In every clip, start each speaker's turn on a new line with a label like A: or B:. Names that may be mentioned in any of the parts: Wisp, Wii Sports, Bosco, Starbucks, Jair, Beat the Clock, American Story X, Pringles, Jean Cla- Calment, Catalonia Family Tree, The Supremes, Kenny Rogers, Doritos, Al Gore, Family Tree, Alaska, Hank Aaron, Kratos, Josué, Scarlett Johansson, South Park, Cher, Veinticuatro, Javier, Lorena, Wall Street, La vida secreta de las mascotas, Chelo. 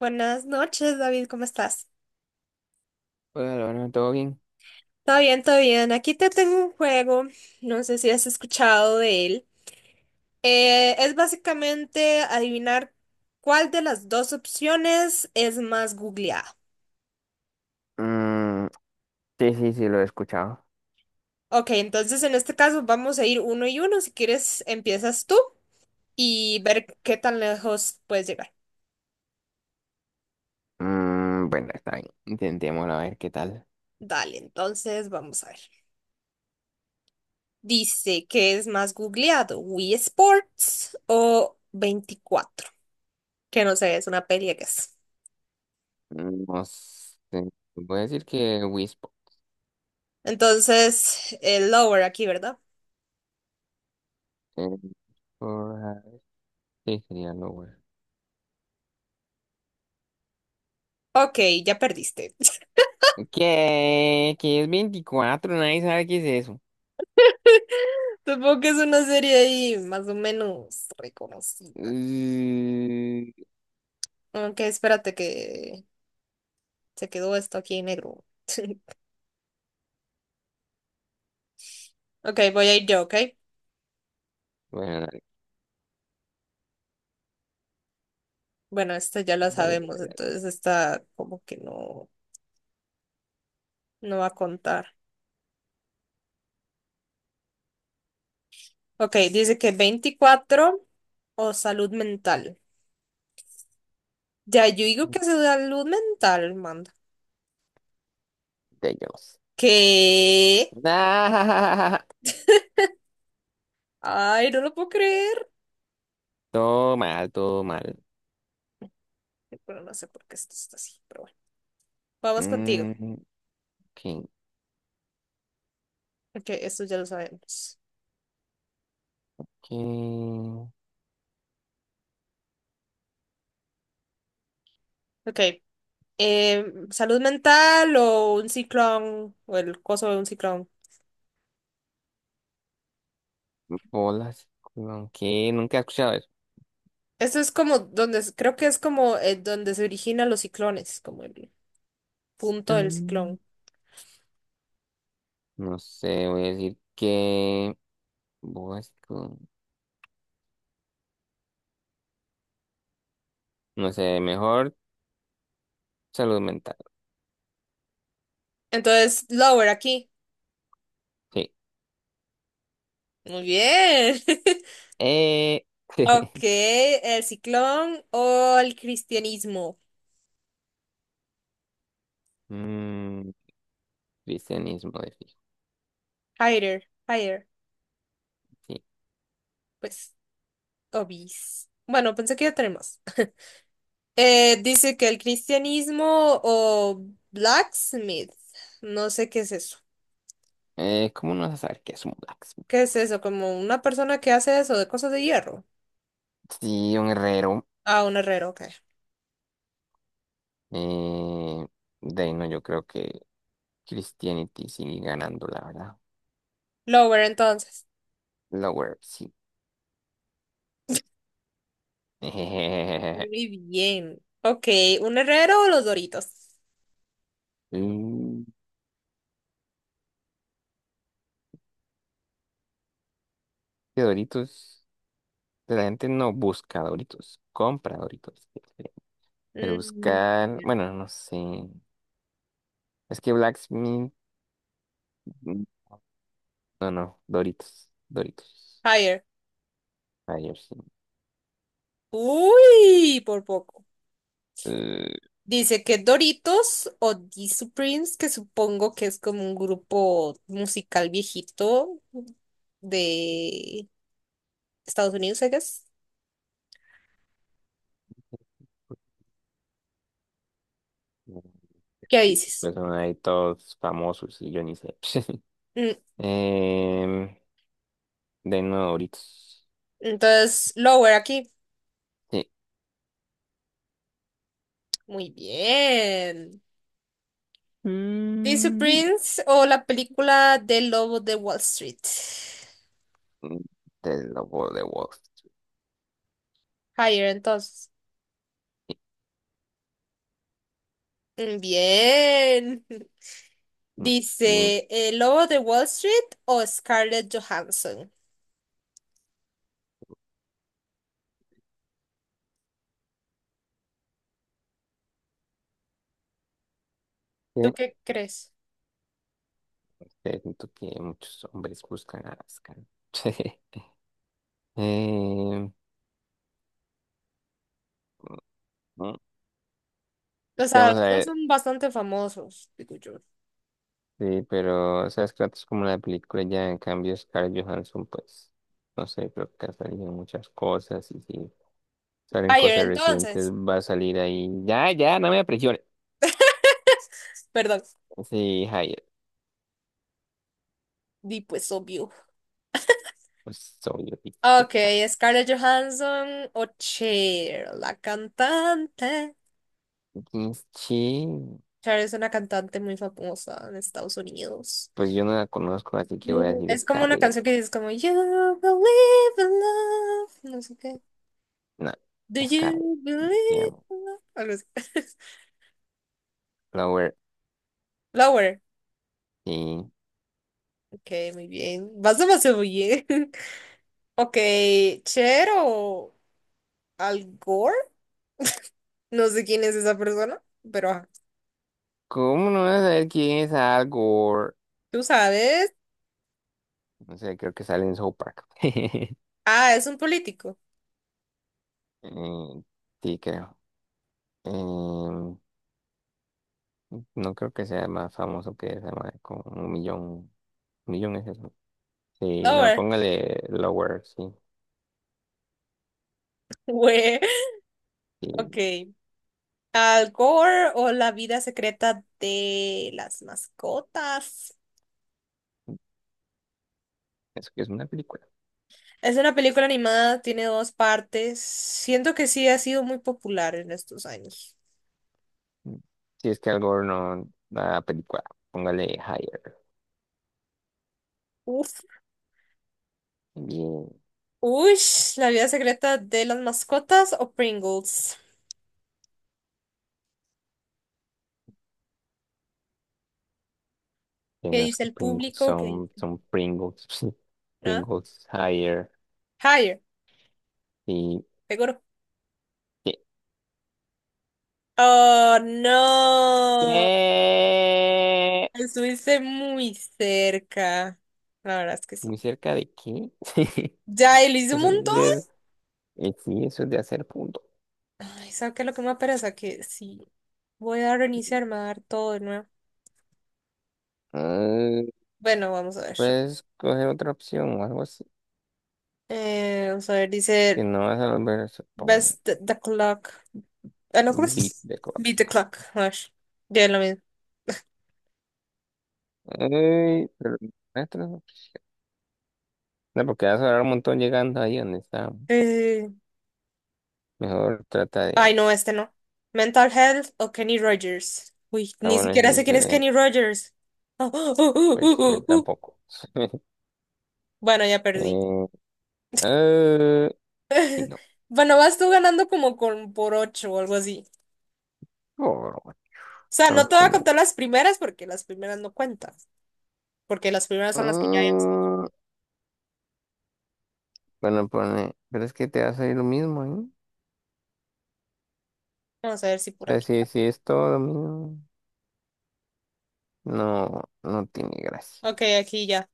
A: Buenas noches, David, ¿cómo estás?
B: Hola, Lorena, ¿todo bien?
A: Todo bien, todo bien. Aquí te tengo un juego, no sé si has escuchado de él. Es básicamente adivinar cuál de las dos opciones es más googleada.
B: Mm, sí, sí, sí, lo he escuchado.
A: Ok, entonces en este caso vamos a ir uno y uno. Si quieres, empiezas tú y ver qué tan lejos puedes llegar.
B: Bueno, está bien. Intentémoslo a ver qué tal.
A: Dale, entonces vamos a ver. Dice que es más googleado, ¿Wii Sports o Veinticuatro? Que no sé, es una peli que es.
B: No sé. Voy a decir que Wisp.
A: Entonces, el lower aquí, ¿verdad?
B: eh, por, ah, sí, sería lo bueno.
A: Ok, ya perdiste.
B: ¿Qué? ¿Qué es veinticuatro? Nadie sabe qué es eso.
A: Supongo que es una serie ahí más o menos reconocida.
B: Mm,
A: Ok, espérate que se quedó esto aquí en negro. Ok, voy a ir yo, ¿ok?
B: Bueno, dale,
A: Bueno, esta ya la
B: dale,
A: sabemos,
B: dale,
A: entonces esta como que no, no va a contar. Ok, dice que veinticuatro o salud mental. Ya, yo digo
B: dale.
A: que es salud mental, manda.
B: De ellos.
A: ¿Qué?
B: Ah,
A: Ay, no lo puedo creer.
B: todo mal, todo mal.
A: Pero no sé por qué esto está así, pero vamos contigo.
B: Mm, ¿qué,
A: Ok, esto ya lo sabemos.
B: qué
A: Ok. eh, Salud mental o un ciclón o el coso de un ciclón.
B: bolas? ¿Qué? Nunca he escuchado.
A: Esto es como donde, creo que es como, donde se originan los ciclones, como el punto del
B: Mm,
A: ciclón.
B: No sé, voy a decir que Bosco. No sé, mejor salud mental.
A: Entonces, lower aquí.
B: Sí.
A: Muy bien.
B: Eh,
A: Ok, el ciclón o el cristianismo.
B: mm, cristianismo de fijo.
A: Higher, higher,
B: Sí.
A: pues, obis. Bueno, pensé que ya tenemos. Dice que el cristianismo o blacksmith, no sé qué es eso.
B: ¿Cómo no vas a saber qué es un blacksmith?
A: ¿Qué es eso? ¿Como una persona que hace eso de cosas de hierro?
B: Sí, un herrero.
A: Ah, un herrero, ok.
B: Eh, de ahí no, yo creo que Christianity sigue ganando, la verdad.
A: Lover, entonces.
B: Lower, sí.
A: Muy bien. Ok, ¿un herrero o los Doritos?
B: Mm, que Doritos. La gente no busca Doritos, compra Doritos. Pero
A: Mm,
B: buscar,
A: bien.
B: bueno, no sé. Es que Blacksmith, mm, no, no, Doritos, Doritos.
A: Higher.
B: Ayer sí.
A: Uy, por poco.
B: Eh,
A: Dice que Doritos o the supremes, que supongo que es como un grupo musical viejito de Estados Unidos, I guess. ¿Qué
B: sí,
A: dices?
B: pues son ahí todos famosos y yo ni sé.
A: Mm.
B: Em, de nuevo, Doritos.
A: Entonces, lower aquí.
B: Sí.
A: Muy bien. Dice
B: Mm,
A: Prince o la película del Lobo de Wall Street.
B: Del lobo de Wall Street.
A: Higher, entonces. Mm, bien.
B: Y
A: Dice, ¿el Lobo de Wall Street o Scarlett Johansson? ¿Tú qué crees?
B: que siento que muchos hombres buscan a Alaska. Em, mm, mm,
A: O sea,
B: Vamos a
A: los dos
B: ver.
A: son bastante famosos, digo yo.
B: Sí, pero, o sea, ¿sabes? Kratos como la película ya, en cambio, Scarlett Johansson, pues, no sé, creo que ha salido en muchas cosas y si salen
A: Higher,
B: cosas recientes
A: entonces.
B: va a salir ahí. Ya, ya, no me apresiones.
A: Perdón.
B: Sí, Jair,
A: Di pues obvio.
B: pues, soy yo, sí, tú
A: Ok,
B: qué sabes.
A: Scarlett Johansson o Cher, la cantante.
B: Entonces, sí,
A: Cher es una cantante muy famosa en Estados Unidos.
B: pues yo no la conozco, así que voy a decir
A: Es como una
B: Scarlett.
A: canción que dice como You believe in love, no sé qué.
B: No,
A: Do
B: Scarlett,
A: you believe
B: digamos.
A: in love? Algo así.
B: Flower,
A: Lower.
B: sí.
A: Ok, muy bien. Vas demasiado bien. Ok, Cher o Al Gore. No sé quién es esa persona, pero ajá.
B: ¿Cómo no vas a saber quién es Al Gore?
A: Tú sabes.
B: No sé, creo que sale en South Park.
A: Ah, es un político.
B: Eh, sí, creo. Em, No creo que sea más famoso que esa madre, con un millón. Un millón es eso. Sí, no,
A: Lower.
B: póngale Lower, sí.
A: Güey.
B: Sí,
A: Ok. Al Gore o la vida secreta de las mascotas.
B: eso que es una película.
A: Es una película animada, tiene dos partes. Siento que sí ha sido muy popular en estos años.
B: Si es que algo no da película, póngale Higher.
A: Uf.
B: Bien.
A: Ush, la vida secreta de las mascotas o Pringles.
B: Que
A: ¿Qué
B: no es
A: dice
B: que
A: el
B: Pringles
A: público? ¿Qué
B: son,
A: dice?
B: son Pringles.
A: ¿Ah?
B: Pringles Higher.
A: Higher,
B: Y.
A: seguro.
B: ¿Qué?
A: Oh, no.
B: ¿Qué?
A: Estuviste muy cerca. La verdad es que sí.
B: ¿Muy cerca de qué? Sí.
A: Ya, y lo hice un
B: Eso es
A: montón.
B: de, sí, eso es de hacer punto.
A: Ay, ¿sabes qué es lo que me pereza? Que sí. Voy a reiniciar, me va a dar todo de nuevo.
B: Ah,
A: Bueno, vamos a ver.
B: puedes coger otra opción o algo.
A: Vamos a ver,
B: Y
A: dice.
B: no vas a volver a hacer
A: Best the The Clock. Ah, no,
B: un
A: ¿cómo
B: bit
A: es?
B: de cosas.
A: Beat the Clock. A ver, ya es lo mismo.
B: Ey, pero maestro, no, no, porque vas a hablar un montón llegando ahí donde está.
A: Eh,
B: Mejor trata
A: Ay,
B: de.
A: no, este no. ¿Mental Health o Kenny Rogers? Uy,
B: Ah,
A: ni
B: bueno, es
A: siquiera sé quién es
B: diferente.
A: Kenny Rogers. Ah,
B: Pues yo
A: uh.
B: tampoco.
A: Bueno, ya perdí.
B: eh, eh, sí, no.
A: Bueno, vas tú ganando como con por ocho o algo así.
B: Por, bueno,
A: O sea,
B: son
A: no te voy a
B: como.
A: contar las primeras porque las primeras no cuentan. Porque las primeras son las que ya hice.
B: mm, bueno, pone. Pero es que te va a salir lo mismo, ¿eh? O
A: Vamos a ver si por
B: sea,
A: aquí.
B: si es todo lo mismo, no, no tiene gracia.
A: Ok, aquí ya.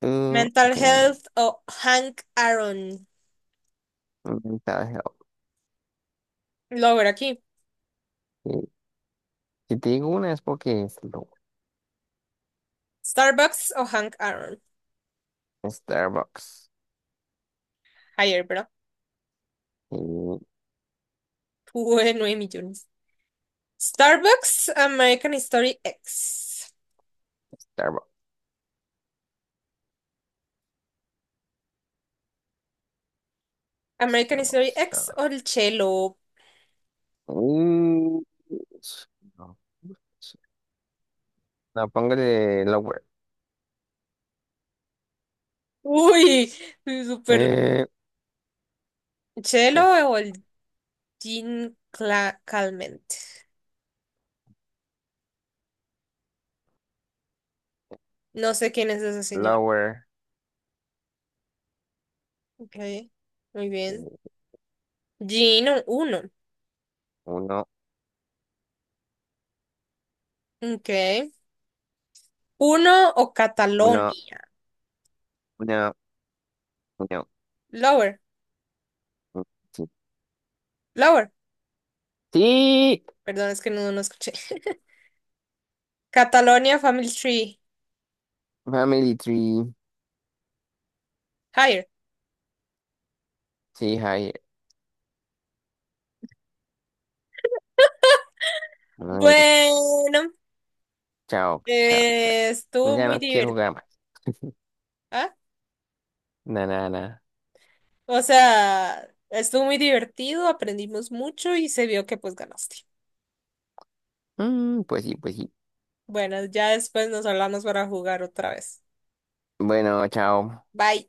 B: Ok.
A: Mental Health o Hank Aaron.
B: Mensaje.
A: Lo voy a ver aquí.
B: Ok. Si te digo una es porque es loco.
A: Starbucks o Hank Aaron.
B: Starbucks.
A: Higher, bro.
B: Mm,
A: Tuve 9 millones. Starbucks, American Story X.
B: Starbucks.
A: American Story
B: Starbucks.
A: X
B: Ah,
A: o el Chelo.
B: mm, no, no, póngale lower.
A: Uy, super.
B: Eh, ¿Qué es?
A: Chelo o el Calment. No sé quién es ese señor.
B: Lower.
A: Ok, muy
B: Sí,
A: bien. Gino, uno.
B: uno,
A: Ok. ¿Uno o
B: uno,
A: Catalonia?
B: uno, uno.
A: Lower,
B: Mm, sí.
A: lower.
B: Sí,
A: Perdón, es que no, no escuché. Catalonia Family Tree.
B: Family Tree.
A: Higher.
B: Sí, Javier. Ay, no.
A: Bueno.
B: Chao, chao, chao.
A: Estuvo
B: Ya
A: muy
B: no quiero
A: divertido.
B: jugar más.
A: ¿Ah?
B: Na, na, na.
A: O sea, estuvo muy divertido, aprendimos mucho y se vio que pues ganaste.
B: Pues sí, pues sí.
A: Bueno, ya después nos hablamos para jugar otra vez.
B: Bueno, chao.
A: Bye.